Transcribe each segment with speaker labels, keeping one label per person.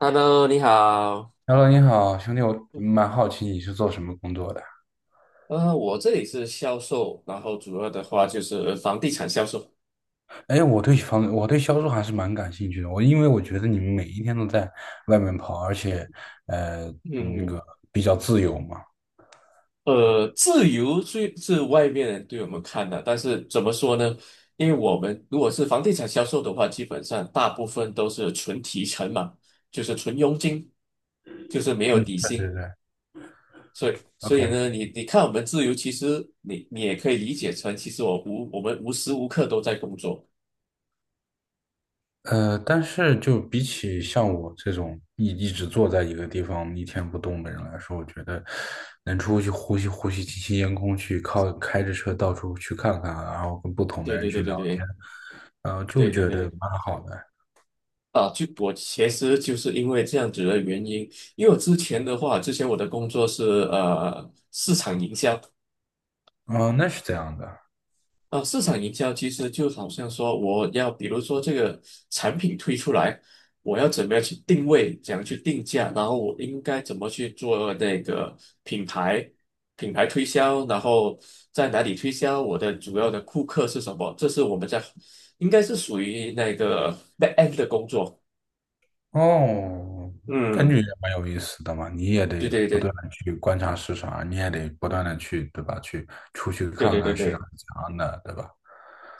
Speaker 1: Hello，你好。
Speaker 2: Hello，你好，兄弟，我蛮好奇你是做什么工作的。
Speaker 1: 我这里是销售，然后主要的话就是房地产销售。
Speaker 2: 哎，我对销售还是蛮感兴趣的。因为我觉得你们每一天都在外面跑，而且，呃，那
Speaker 1: 嗯，
Speaker 2: 个比较自由嘛。
Speaker 1: 自由虽是外面人对我们看的，但是怎么说呢？因为我们如果是房地产销售的话，基本上大部分都是纯提成嘛，就是纯佣金，就是没有底
Speaker 2: 对对
Speaker 1: 薪。
Speaker 2: 对
Speaker 1: 所以，所以
Speaker 2: ，OK。
Speaker 1: 呢，你看我们自由，其实你也可以理解成，其实我们无时无刻都在工作。
Speaker 2: 但是就比起像我这种一直坐在一个地方一天不动的人来说，我觉得能出去呼吸呼吸新鲜烟空气，靠开着车到处去看看，然后跟不同的
Speaker 1: 对
Speaker 2: 人
Speaker 1: 对对
Speaker 2: 去
Speaker 1: 对
Speaker 2: 聊天，
Speaker 1: 对
Speaker 2: 就
Speaker 1: 对对
Speaker 2: 觉
Speaker 1: 对
Speaker 2: 得
Speaker 1: 对。
Speaker 2: 蛮好的。
Speaker 1: 啊，就我其实就是因为这样子的原因，因为我之前的话，之前我的工作是市场营销。
Speaker 2: 嗯、那是这样的。
Speaker 1: 啊、市场营销其实就好像说我要比如说这个产品推出来，我要怎么样去定位，怎样去定价，然后我应该怎么去做那个品牌品牌推销，然后在哪里推销，我的主要的顾客是什么，这是我们在应该是属于那个 back end 的工作。
Speaker 2: 哦，感觉
Speaker 1: 嗯，
Speaker 2: 也蛮有意思的嘛，你也
Speaker 1: 对
Speaker 2: 得
Speaker 1: 对
Speaker 2: 不断
Speaker 1: 对
Speaker 2: 的去观察市场啊，你也得不断的去，对吧？去出去
Speaker 1: 对
Speaker 2: 看
Speaker 1: 对对
Speaker 2: 看市场
Speaker 1: 对。
Speaker 2: 是怎样的，对吧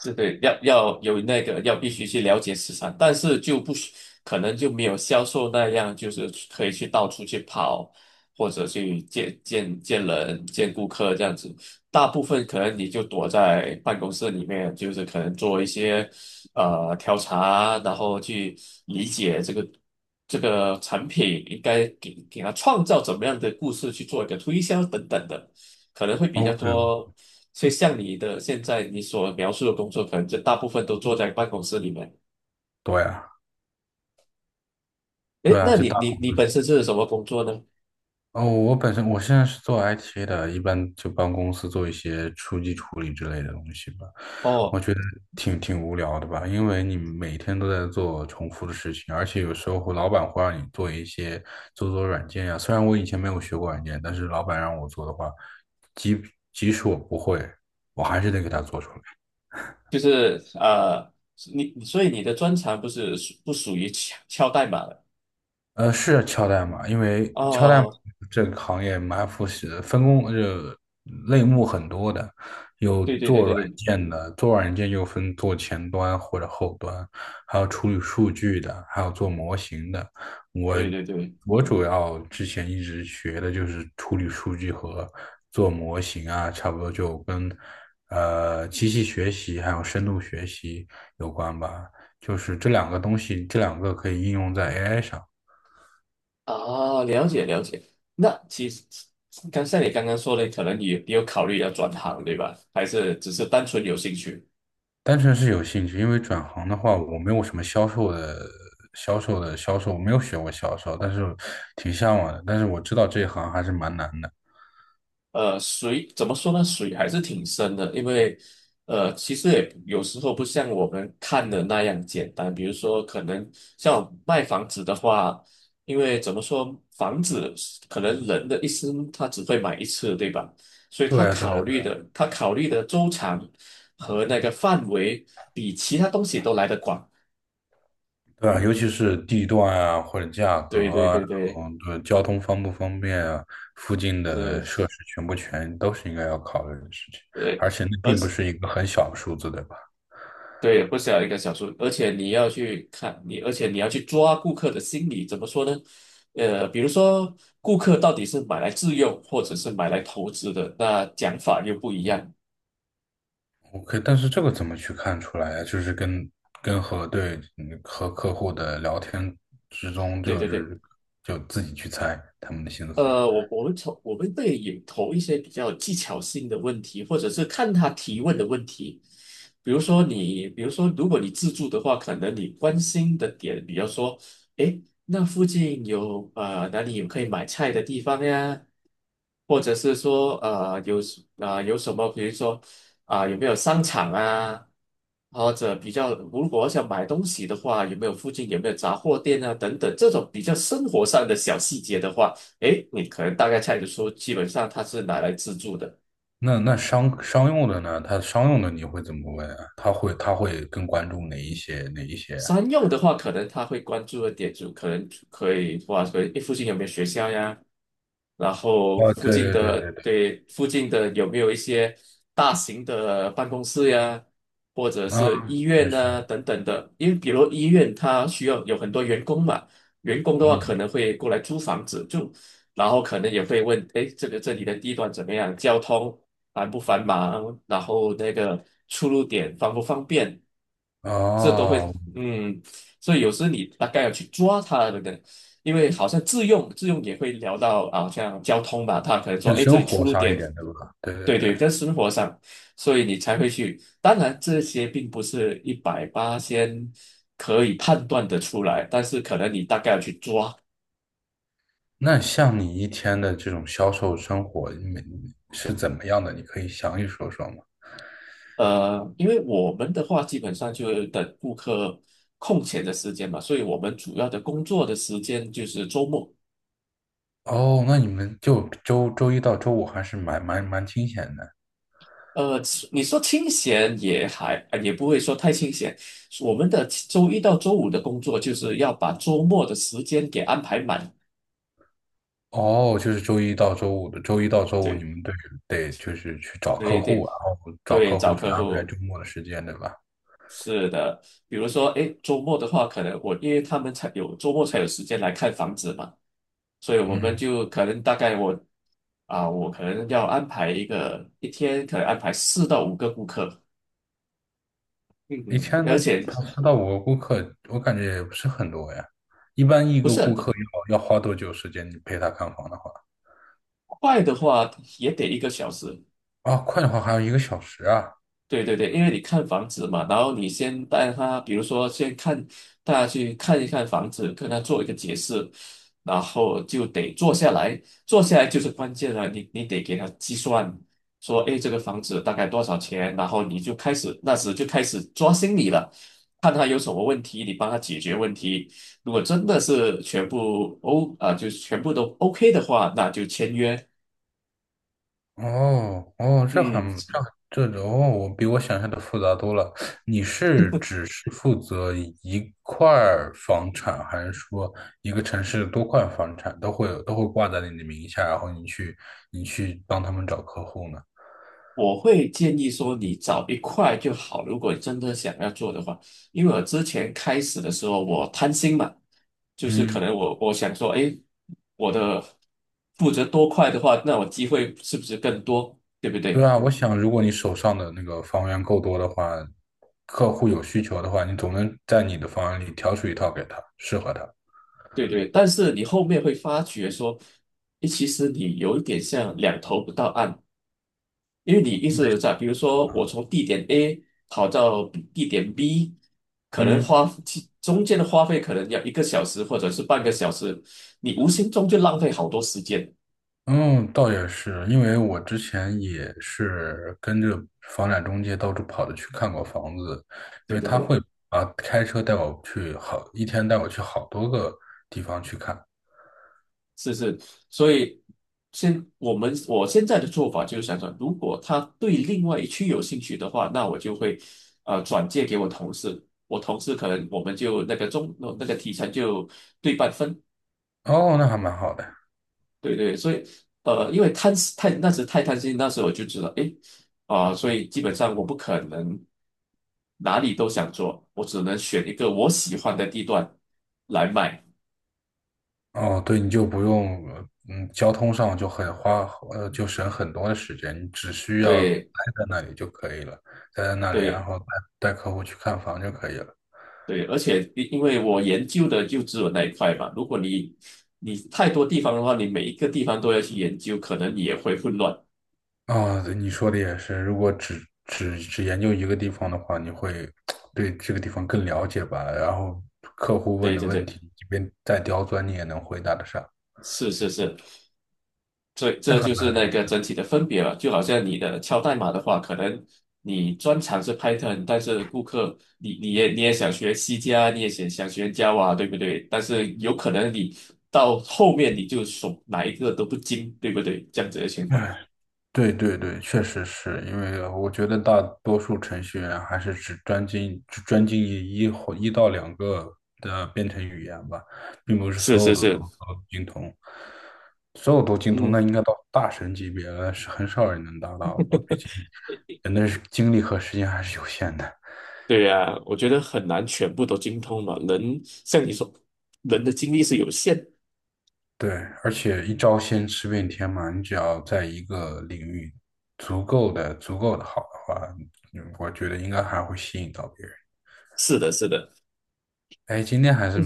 Speaker 1: 是对，要有那个要必须去了解市场，但是就不需可能就没有销售那样，就是可以去到处去跑，或者去见人、见顾客这样子。大部分可能你就躲在办公室里面，就是可能做一些调查啊，然后去理解这个产品应该给他创造怎么样的故事去做一个推销等等的，可能会比较
Speaker 2: ？OK，
Speaker 1: 多。所以像现在你所描述的工作，可能就大部分都坐在办公室里面。
Speaker 2: 对啊，
Speaker 1: 诶，
Speaker 2: 对啊，
Speaker 1: 那你本身是什么工作呢？
Speaker 2: 哦，我本身我现在是做 IT 的，一般就帮公司做一些数据处理之类的东西吧。我
Speaker 1: 哦，
Speaker 2: 觉得挺无聊的吧，因为你每天都在做重复的事情，而且有时候老板会让你做一些做软件呀、虽然我以前没有学过软件，但是老板让我做的话，即即使我不会，我还是得给他做出来。
Speaker 1: 就是呃，你所以你的专长不是不属于敲代码的。
Speaker 2: 呃，是敲代码，因为敲代码
Speaker 1: 哦，
Speaker 2: 这个行业蛮复杂的，分工类目很多的，有
Speaker 1: 对对对
Speaker 2: 做
Speaker 1: 对
Speaker 2: 软
Speaker 1: 对
Speaker 2: 件的，做软件又分做前端或者后端，还有处理数据的，还有做模型的。我
Speaker 1: 对对对，
Speaker 2: 我主要之前一直学的就是处理数据和做模型啊，差不多就跟机器学习还有深度学习有关吧，就是这两个东西，这两个可以应用在 AI 上。
Speaker 1: 啊，了解了解。那其实像你刚刚说的，可能你有考虑要转行，对吧？还是只是单纯有兴趣？
Speaker 2: 单纯是有兴趣，因为转行的话，我没有什么销售，我没有学过销售，但是挺向往的。但是我知道这一行还是蛮难的。
Speaker 1: 呃，水怎么说呢？水还是挺深的，因为其实也有时候不像我们看的那样简单。比如说，可能像卖房子的话，因为怎么说，房子可能人的一生他只会买一次，对吧？所以
Speaker 2: 对啊，对啊，对啊，
Speaker 1: 他考虑的周长和那个范围比其他东西都来得广。
Speaker 2: 对啊，尤其是地段啊，或者价
Speaker 1: 对
Speaker 2: 格
Speaker 1: 对
Speaker 2: 啊，然
Speaker 1: 对对，
Speaker 2: 后对交通方不方便啊，附近
Speaker 1: 是，
Speaker 2: 的设施全不全，都是应该要考虑的事情。
Speaker 1: 对。
Speaker 2: 而且那
Speaker 1: 而
Speaker 2: 并不
Speaker 1: 且。
Speaker 2: 是一个很小的数字，对吧？
Speaker 1: 对，不是要一个小数，而且你要去看你，而且你要去抓顾客的心理，怎么说呢？呃，比如说顾客到底是买来自用，或者是买来投资的，那讲法又不一样。
Speaker 2: OK，但是这个怎么去看出来呀？就是跟跟和对嗯和客户的聊天之中，
Speaker 1: 对
Speaker 2: 就
Speaker 1: 对对，
Speaker 2: 是就自己去猜他们的心思。
Speaker 1: 呃，我们会也投一些比较技巧性的问题，或者是看他提问的问题。比如说如果你自助的话，可能你关心的点，比如说，诶，那附近有哪里有可以买菜的地方呀？或者是说有什么，比如说有没有商场啊？或者比较，如果我想买东西的话，有没有杂货店啊？等等，这种比较生活上的小细节的话。诶，你可能大概猜得出，基本上它是拿来自助的。
Speaker 2: 那商用的呢？他商用的你会怎么问啊？他会更关注哪一些啊？
Speaker 1: 商用的话，可能他会关注的点就可能可以哇，可能诶附近有没有学校呀？然后
Speaker 2: 哦，对对对对对，
Speaker 1: 附近的有没有一些大型的办公室呀，或者
Speaker 2: 啊，
Speaker 1: 是医
Speaker 2: 也
Speaker 1: 院
Speaker 2: 是，
Speaker 1: 呐、等等的？因为比如医院它需要有很多员工嘛，员工的话可
Speaker 2: 嗯，
Speaker 1: 能会过来租房子住，然后可能也会问，哎，这里的地段怎么样？交通繁不繁忙？然后那个出入点方不方便？这都会
Speaker 2: 哦，
Speaker 1: 嗯，所以有时你大概要去抓它的，对不对？因为好像自用也会聊到啊，像交通吧，他可能说，
Speaker 2: 更
Speaker 1: 哎，这
Speaker 2: 生
Speaker 1: 里出
Speaker 2: 活
Speaker 1: 入
Speaker 2: 上一
Speaker 1: 点，
Speaker 2: 点，对吧？对对
Speaker 1: 对
Speaker 2: 对。
Speaker 1: 对，在生活上，所以你才会去。当然，这些并不是一百八先可以判断的出来，但是可能你大概要去抓。
Speaker 2: 那像你一天的这种销售生活，你每是怎么样的？你可以详细说说吗？
Speaker 1: 呃，因为我们的话基本上就是等顾客空闲的时间嘛，所以我们主要的工作的时间就是周末。
Speaker 2: 哦，那你们就周一到周五还是蛮清闲的。
Speaker 1: 呃，你说清闲也还，呃也不会说太清闲。我们的周一到周五的工作就是要把周末的时间给安排满。
Speaker 2: 哦，就是周一到周五你
Speaker 1: 对，
Speaker 2: 们得就是去找客
Speaker 1: 对对
Speaker 2: 户，然后找
Speaker 1: 对，
Speaker 2: 客
Speaker 1: 找
Speaker 2: 户去
Speaker 1: 客
Speaker 2: 安排
Speaker 1: 户
Speaker 2: 周末的时间，对吧？
Speaker 1: 是的。比如说，哎，周末的话，可能我因为他们才有周末才有时间来看房子嘛，所以我们
Speaker 2: 嗯，
Speaker 1: 就可能大概我啊，我可能要安排一个一天可能安排四到五个顾客。嗯
Speaker 2: 以
Speaker 1: 嗯，
Speaker 2: 前
Speaker 1: 而
Speaker 2: 的
Speaker 1: 且
Speaker 2: 四到五个顾客，我感觉也不是很多呀。一般一
Speaker 1: 不
Speaker 2: 个
Speaker 1: 是很
Speaker 2: 顾
Speaker 1: 多
Speaker 2: 客要花多久时间？你陪他看房的话，
Speaker 1: 快的话也得一个小时。
Speaker 2: 啊，快的话还有一个小时啊。
Speaker 1: 对对对，因为你看房子嘛，然后你先带他，比如说先看带他去看一看房子，跟他做一个解释，然后就得坐下来，坐下来就是关键了，你得给他计算，说，哎，这个房子大概多少钱，然后你就开始就开始抓心理了，看他有什么问题，你帮他解决问题。如果真的是全部 O 啊、就是全部都 OK 的话，那就签约。
Speaker 2: 哦，这很
Speaker 1: 嗯。
Speaker 2: 这很这哦，我比我想象的复杂多了。你是只是负责一块儿房产，还是说一个城市多块房产都会挂在你的名下，然后你去帮他们找客户呢？
Speaker 1: 我会建议说，你找一块就好。如果真的想要做的话，因为我之前开始的时候，我贪心嘛，就是可
Speaker 2: 嗯，
Speaker 1: 能我我想说，哎，我的负责多块的话，那我机会是不是更多？对不
Speaker 2: 对
Speaker 1: 对？
Speaker 2: 啊，我想如果你手上的那个房源够多的话，客户有需求的话，你总能在你的房源里挑出一套给他，适合他。
Speaker 1: 对对。但是你后面会发觉说，哎，其实你有一点像两头不到岸。因为你一直在，比如说我从地点 A 跑到地点 B,可能
Speaker 2: 嗯。
Speaker 1: 花其中间的花费可能要一个小时或者是半个小时，你无形中就浪费好多时间。
Speaker 2: 嗯，倒也是，因为我之前也是跟着房产中介到处跑着去看过房子，因
Speaker 1: 对
Speaker 2: 为
Speaker 1: 对
Speaker 2: 他
Speaker 1: 对，
Speaker 2: 会啊开车带我去好，一天带我去好多个地方去看。
Speaker 1: 是是，所以现我们我现在的做法就是如果他对另外一区有兴趣的话，那我就会转借给我同事，我同事可能我们就那个中那个提成就对半分。
Speaker 2: 哦，那还蛮好的。
Speaker 1: 对对，所以呃，因为贪太那时太贪心，那时候我就知道，诶，啊、所以基本上我不可能哪里都想做，我只能选一个我喜欢的地段来卖。
Speaker 2: 哦，对，你就不用，嗯，交通上就很花，就省很多的时间，你只需要待
Speaker 1: 对
Speaker 2: 在那里就可以了，待在那里，然
Speaker 1: 对
Speaker 2: 后带客户去看房就可以了。
Speaker 1: 对，而且因为我研究的就只有那一块嘛，如果你太多地方的话，你每一个地方都要去研究，可能也会混乱。
Speaker 2: 啊，对你说的也是。如果只研究一个地方的话，你会对这个地方更了解吧？然后客户问
Speaker 1: 对
Speaker 2: 的
Speaker 1: 对
Speaker 2: 问
Speaker 1: 对，
Speaker 2: 题，即便再刁钻，你也能回答得上，
Speaker 1: 是是是，这
Speaker 2: 这
Speaker 1: 这
Speaker 2: 还
Speaker 1: 就
Speaker 2: 蛮
Speaker 1: 是
Speaker 2: 有
Speaker 1: 那
Speaker 2: 意
Speaker 1: 个
Speaker 2: 思
Speaker 1: 整
Speaker 2: 的。
Speaker 1: 体的分别了。就好像你的敲代码的话，可能你专长是 Python,但是顾客你你也你也想学 C 加，你也想学 Java,对不对？但是有可能你到后面你就手哪一个都不精，对不对？这样子的情况。
Speaker 2: 哎对对对，确实是因为我觉得大多数程序员还是只专精于一或一到两个的编程语言吧，并不是
Speaker 1: 是
Speaker 2: 所有
Speaker 1: 是
Speaker 2: 的
Speaker 1: 是，
Speaker 2: 都精通，所有都精通，
Speaker 1: 嗯，
Speaker 2: 那应该到大神级别了，是很少人能达到吧？毕竟人的精力和时间还是有限的。
Speaker 1: 对呀，我觉得很难全部都精通嘛。人像你说，人的精力是有限。
Speaker 2: 对，而且一招鲜吃遍天嘛，你只要在一个领域足够的好的话，嗯我觉得应该还会吸引到别人。
Speaker 1: 是的，是的，
Speaker 2: 哎，今天还是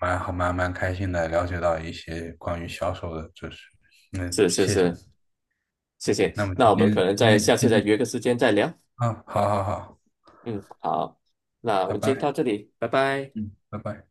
Speaker 2: 蛮好，蛮蛮开心的，了解到一些关于销售的知识。嗯，
Speaker 1: 是是
Speaker 2: 谢谢。
Speaker 1: 是，谢谢。
Speaker 2: 那么
Speaker 1: 那我们可能在下次
Speaker 2: 今
Speaker 1: 再
Speaker 2: 天，
Speaker 1: 约个时间再聊。
Speaker 2: 啊，好好好，
Speaker 1: 嗯，好，那我
Speaker 2: 拜
Speaker 1: 们今天
Speaker 2: 拜。
Speaker 1: 到这里，拜拜。
Speaker 2: 嗯，拜拜。